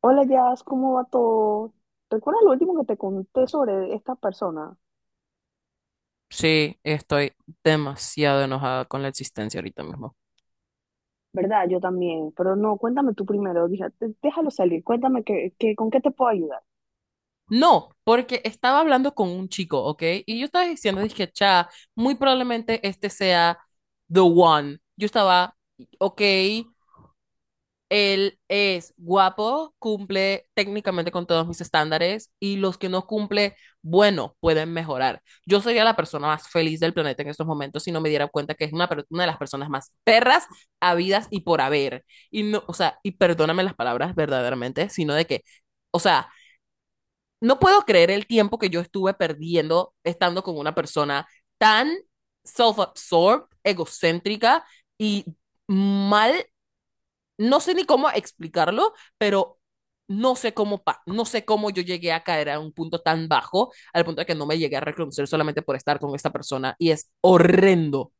Hola, Jazz, ¿cómo va todo? ¿Recuerdas lo último que te conté sobre esta persona? Sí, estoy demasiado enojada con la existencia ahorita mismo. ¿Verdad? Yo también, pero no, cuéntame tú primero, déjalo salir, cuéntame que, con qué te puedo ayudar. No, porque estaba hablando con un chico, ¿ok? Y yo estaba diciendo, dije, cha, muy probablemente este sea the one. Yo estaba, ok, él es guapo, cumple técnicamente con todos mis estándares y los que no cumple, bueno, pueden mejorar. Yo sería la persona más feliz del planeta en estos momentos si no me diera cuenta que es una de las personas más perras, habidas y por haber. Y no, o sea, y perdóname las palabras verdaderamente, sino de que, o sea, no puedo creer el tiempo que yo estuve perdiendo estando con una persona tan self-absorbed, egocéntrica y mal, no sé ni cómo explicarlo, pero no sé no sé cómo yo llegué a caer a un punto tan bajo, al punto de que no me llegué a reconocer solamente por estar con esta persona y es horrendo.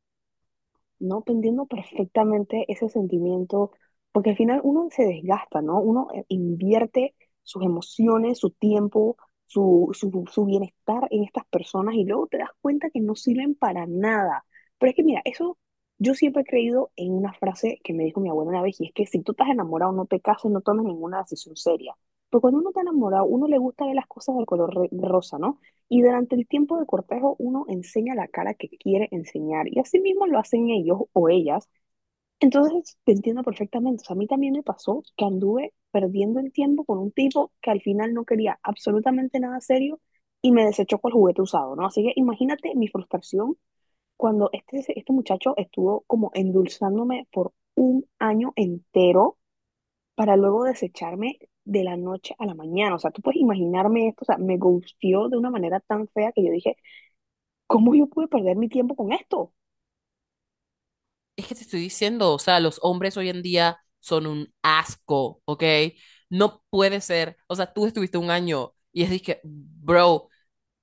No, te entiendo perfectamente ese sentimiento, porque al final uno se desgasta, ¿no? Uno invierte sus emociones, su tiempo, su bienestar en estas personas y luego te das cuenta que no sirven para nada. Pero es que mira, eso yo siempre he creído en una frase que me dijo mi abuela una vez y es que si tú estás enamorado, no te cases, no tomes ninguna decisión seria. Pero cuando uno está enamorado, uno le gusta ver las cosas del color rosa, ¿no? Y durante el tiempo de cortejo uno enseña la cara que quiere enseñar y así mismo lo hacen ellos o ellas. Entonces te entiendo perfectamente. O sea, a mí también me pasó que anduve perdiendo el tiempo con un tipo que al final no quería absolutamente nada serio y me desechó con el juguete usado, ¿no? Así que imagínate mi frustración cuando este muchacho estuvo como endulzándome por un año entero para luego desecharme de la noche a la mañana. O sea, tú puedes imaginarme esto, o sea, me gustió de una manera tan fea que yo dije, ¿cómo yo pude perder mi tiempo con esto? Es que te estoy diciendo, o sea, los hombres hoy en día son un asco, ¿ok? No puede ser, o sea, tú estuviste un año y es que, bro,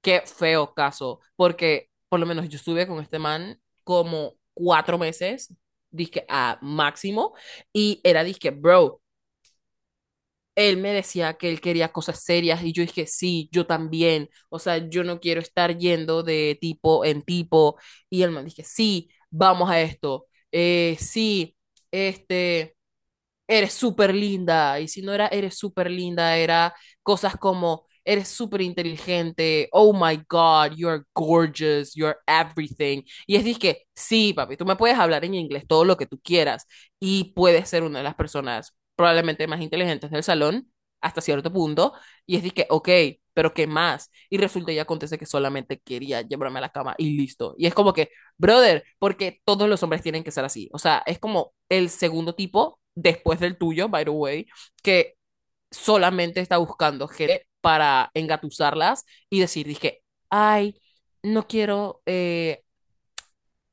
qué feo caso, porque por lo menos yo estuve con este man como cuatro meses, dizque a máximo, y era dizque, bro, él me decía que él quería cosas serias y yo dije, sí, yo también. O sea, yo no quiero estar yendo de tipo en tipo. Y el man dije, sí, vamos a esto. Sí, este, eres súper linda, y si no era eres súper linda, era cosas como eres súper inteligente, oh my God, you're gorgeous, you're everything. Y es que, sí, papi, tú me puedes hablar en inglés todo lo que tú quieras y puedes ser una de las personas probablemente más inteligentes del salón hasta cierto punto. Y es que, ok, pero ¿qué más? Y resulta y acontece que solamente quería llevarme a la cama y listo. Y es como que, brother, porque todos los hombres tienen que ser así. O sea, es como el segundo tipo, después del tuyo, by the way, que solamente está buscando gente para engatusarlas y decir, dije, ay, no quiero,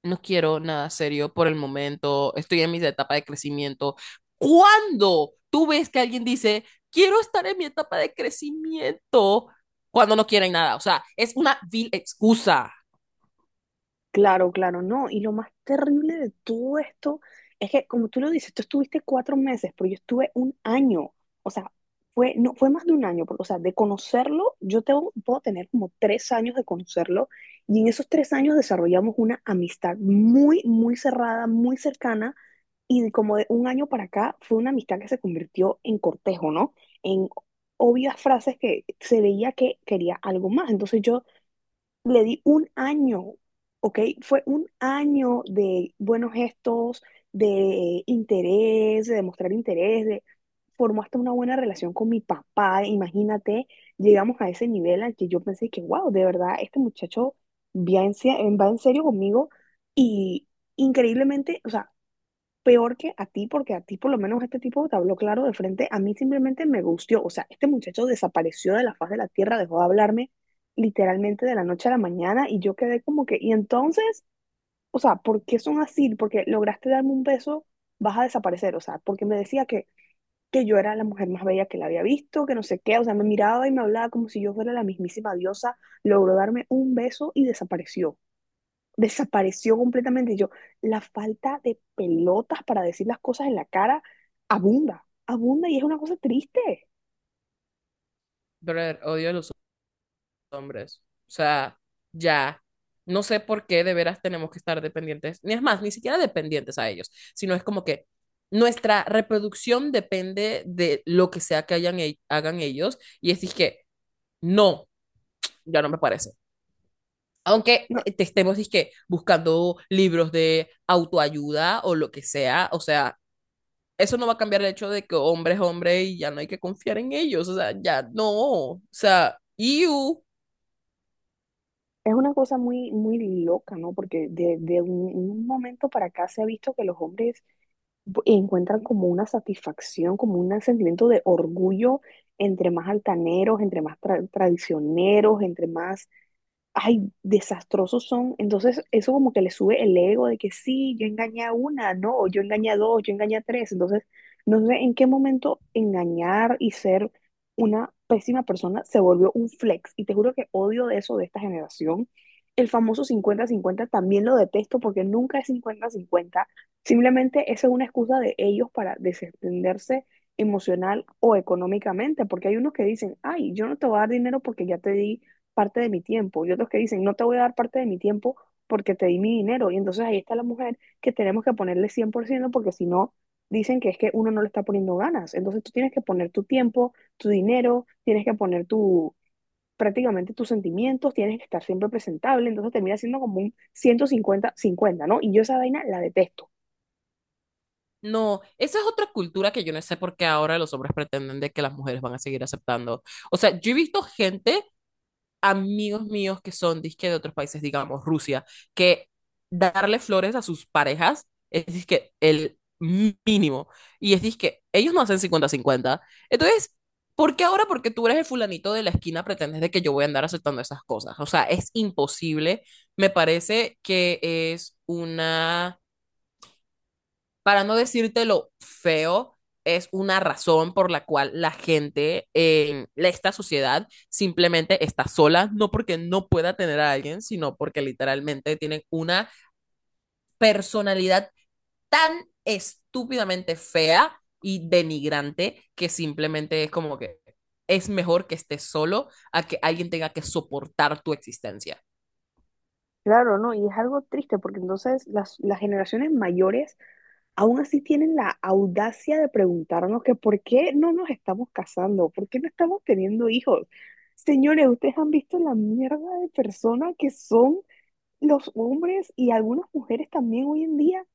no quiero nada serio por el momento, estoy en mi etapa de crecimiento. ¿Cuándo tú ves que alguien dice, quiero estar en mi etapa de crecimiento cuando no quieren nada? O sea, es una vil excusa. Claro, claro, no. Y lo más terrible de todo esto es que, como tú lo dices, tú estuviste 4 meses, pero yo estuve un año. O sea, fue, no, fue más de un año, porque, o sea, de conocerlo, yo tengo, puedo tener como 3 años de conocerlo. Y en esos 3 años desarrollamos una amistad muy, muy cerrada, muy cercana. Y de como de un año para acá fue una amistad que se convirtió en cortejo, ¿no? En obvias frases que se veía que quería algo más. Entonces yo le di un año, ¿ok? Fue un año de buenos gestos, de interés, de mostrar interés, de formó hasta una buena relación con mi papá, imagínate, llegamos a ese nivel al que yo pensé que, wow, de verdad, este muchacho va en, se- va en serio conmigo y increíblemente, o sea, peor que a ti, porque a ti por lo menos este tipo te habló claro de frente, a mí simplemente me gustió, o sea, este muchacho desapareció de la faz de la tierra, dejó de hablarme literalmente de la noche a la mañana y yo quedé como que, y entonces, o sea, ¿por qué son así? Porque lograste darme un beso, vas a desaparecer, o sea, porque me decía que yo era la mujer más bella que la había visto, que no sé qué, o sea, me miraba y me hablaba como si yo fuera la mismísima diosa, logró darme un beso y desapareció completamente. Yo, la falta de pelotas para decir las cosas en la cara abunda, abunda y es una cosa triste. Brother, odio a los hombres. O sea, ya. No sé por qué de veras tenemos que estar dependientes, ni es más, ni siquiera dependientes a ellos, sino es como que nuestra reproducción depende de lo que sea que hagan ellos, y es que no, ya no me parece. Aunque No, te estemos dizque, buscando libros de autoayuda o lo que sea, o sea, eso no va a cambiar el hecho de que hombre es hombre y ya no hay que confiar en ellos, o sea, ya no, o sea, you. es una cosa muy, muy loca, ¿no? Porque de un momento para acá se ha visto que los hombres encuentran como una satisfacción, como un sentimiento de orgullo entre más altaneros, entre más traicioneros, entre más ay, desastrosos son. Entonces, eso como que le sube el ego de que sí, yo engañé a una, no, o yo engañé a dos, yo engañé a tres. Entonces, no sé en qué momento engañar y ser una pésima persona se volvió un flex. Y te juro que odio de eso de esta generación. El famoso 50-50 también lo detesto porque nunca es 50-50. Simplemente esa es una excusa de ellos para desentenderse emocional o económicamente, porque hay unos que dicen, ay, yo no te voy a dar dinero porque ya te di parte de mi tiempo y otros que dicen, no te voy a dar parte de mi tiempo porque te di mi dinero. Y entonces ahí está la mujer que tenemos que ponerle 100% porque si no, dicen que es que uno no le está poniendo ganas. Entonces tú tienes que poner tu tiempo, tu dinero, tienes que poner tu prácticamente tus sentimientos, tienes que estar siempre presentable, entonces termina siendo como un ciento cincuenta cincuenta, ¿no? Y yo esa vaina la detesto. No, esa es otra cultura que yo no sé por qué ahora los hombres pretenden de que las mujeres van a seguir aceptando. O sea, yo he visto gente, amigos míos que son disque de otros países, digamos Rusia, que darle flores a sus parejas es disque el mínimo. Y es disque, ellos no hacen 50-50. Entonces, ¿por qué ahora? Porque tú eres el fulanito de la esquina, pretendes de que yo voy a andar aceptando esas cosas. O sea, es imposible. Me parece que es una, para no decirte lo feo, es una razón por la cual la gente en esta sociedad simplemente está sola, no porque no pueda tener a alguien, sino porque literalmente tienen una personalidad tan estúpidamente fea y denigrante que simplemente es como que es mejor que estés solo a que alguien tenga que soportar tu existencia. Claro, ¿no? Y es algo triste porque entonces las generaciones mayores aún así tienen la audacia de preguntarnos que por qué no nos estamos casando, por qué no estamos teniendo hijos. Señores, ustedes han visto la mierda de personas que son los hombres y algunas mujeres también hoy en día,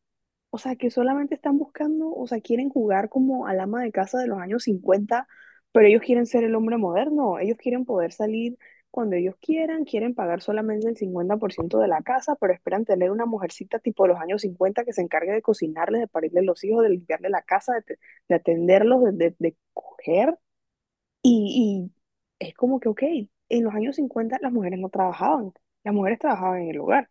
o sea, que solamente están buscando, o sea, quieren jugar como al ama de casa de los años 50, pero ellos quieren ser el hombre moderno, ellos quieren poder salir cuando ellos quieran, quieren pagar solamente el 50% de la casa, pero esperan tener una mujercita tipo de los años 50 que se encargue de cocinarles, de parirles los hijos, de limpiarle la casa, de atenderlos, de coger. Y, y es como que, ok, en los años 50 las mujeres no trabajaban, las mujeres trabajaban en el hogar.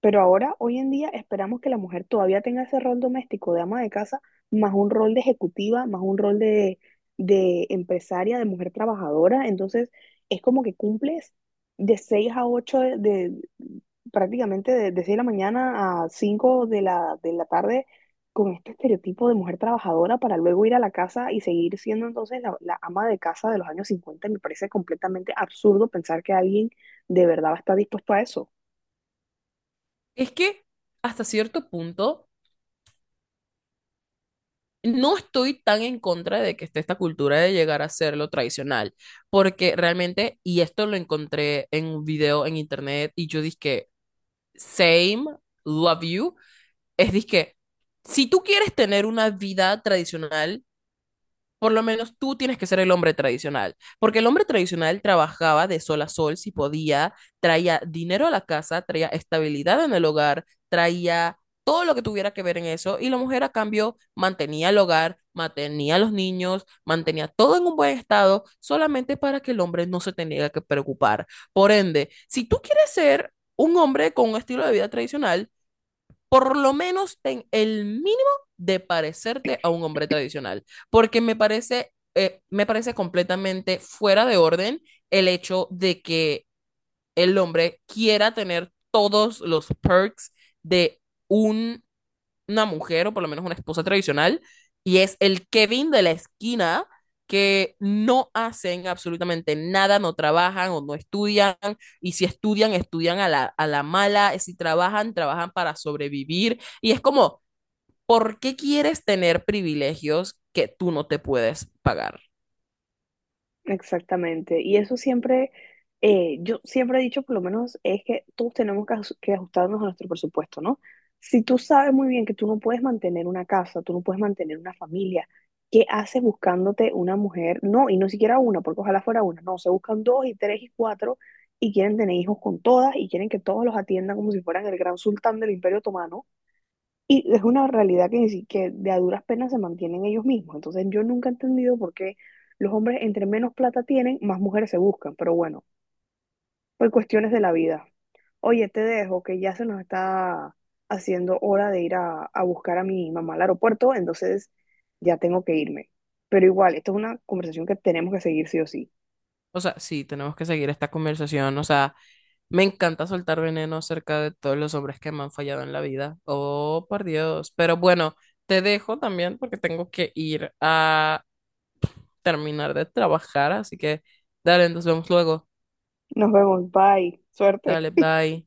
Pero ahora, hoy en día, esperamos que la mujer todavía tenga ese rol doméstico de ama de casa, más un rol de ejecutiva, más un rol de empresaria, de mujer trabajadora. Entonces, es como que cumples de 6 a 8 prácticamente de 6 de la mañana a 5 de la tarde con este estereotipo de mujer trabajadora para luego ir a la casa y seguir siendo entonces la ama de casa de los años cincuenta. Me parece completamente absurdo pensar que alguien de verdad va a estar dispuesto a eso. Es que hasta cierto punto no estoy tan en contra de que esté esta cultura de llegar a ser lo tradicional, porque realmente, y esto lo encontré en un video en internet, y yo dije, same, love you, es dizque, si tú quieres tener una vida tradicional, por lo menos tú tienes que ser el hombre tradicional, porque el hombre tradicional trabajaba de sol a sol si podía, traía dinero a la casa, traía estabilidad en el hogar, traía todo lo que tuviera que ver en eso, y la mujer a cambio mantenía el hogar, mantenía a los niños, mantenía todo en un buen estado, solamente para que el hombre no se tenga que preocupar. Por ende, si tú quieres ser un hombre con un estilo de vida tradicional, por lo menos ten el mínimo de parecerte a un hombre tradicional, porque me parece completamente fuera de orden el hecho de que el hombre quiera tener todos los perks de un una mujer o por lo menos una esposa tradicional, y es el Kevin de la esquina que no hacen absolutamente nada, no trabajan o no estudian, y si estudian, estudian a la mala, si trabajan, trabajan para sobrevivir, y es como, ¿por qué quieres tener privilegios que tú no te puedes pagar? Exactamente. Y eso siempre, yo siempre he dicho, por lo menos, es que todos tenemos que, que ajustarnos a nuestro presupuesto, ¿no? Si tú sabes muy bien que tú no puedes mantener una casa, tú no puedes mantener una familia, ¿qué haces buscándote una mujer? No, y no siquiera una, porque ojalá fuera una, no, se buscan dos y tres y cuatro y quieren tener hijos con todas y quieren que todos los atiendan como si fueran el gran sultán del Imperio Otomano. Y es una realidad que, ni si- que de a duras penas se mantienen ellos mismos. Entonces yo nunca he entendido por qué los hombres entre menos plata tienen, más mujeres se buscan. Pero bueno, por cuestiones de la vida. Oye, te dejo, que ya se nos está haciendo hora de ir a buscar a mi mamá al aeropuerto, entonces ya tengo que irme. Pero igual, esto es una conversación que tenemos que seguir sí o sí. O sea, sí, tenemos que seguir esta conversación. O sea, me encanta soltar veneno acerca de todos los hombres que me han fallado en la vida. Oh, por Dios. Pero bueno, te dejo también porque tengo que ir a terminar de trabajar. Así que, dale, nos vemos luego. Nos vemos, bye, suerte. Dale, bye.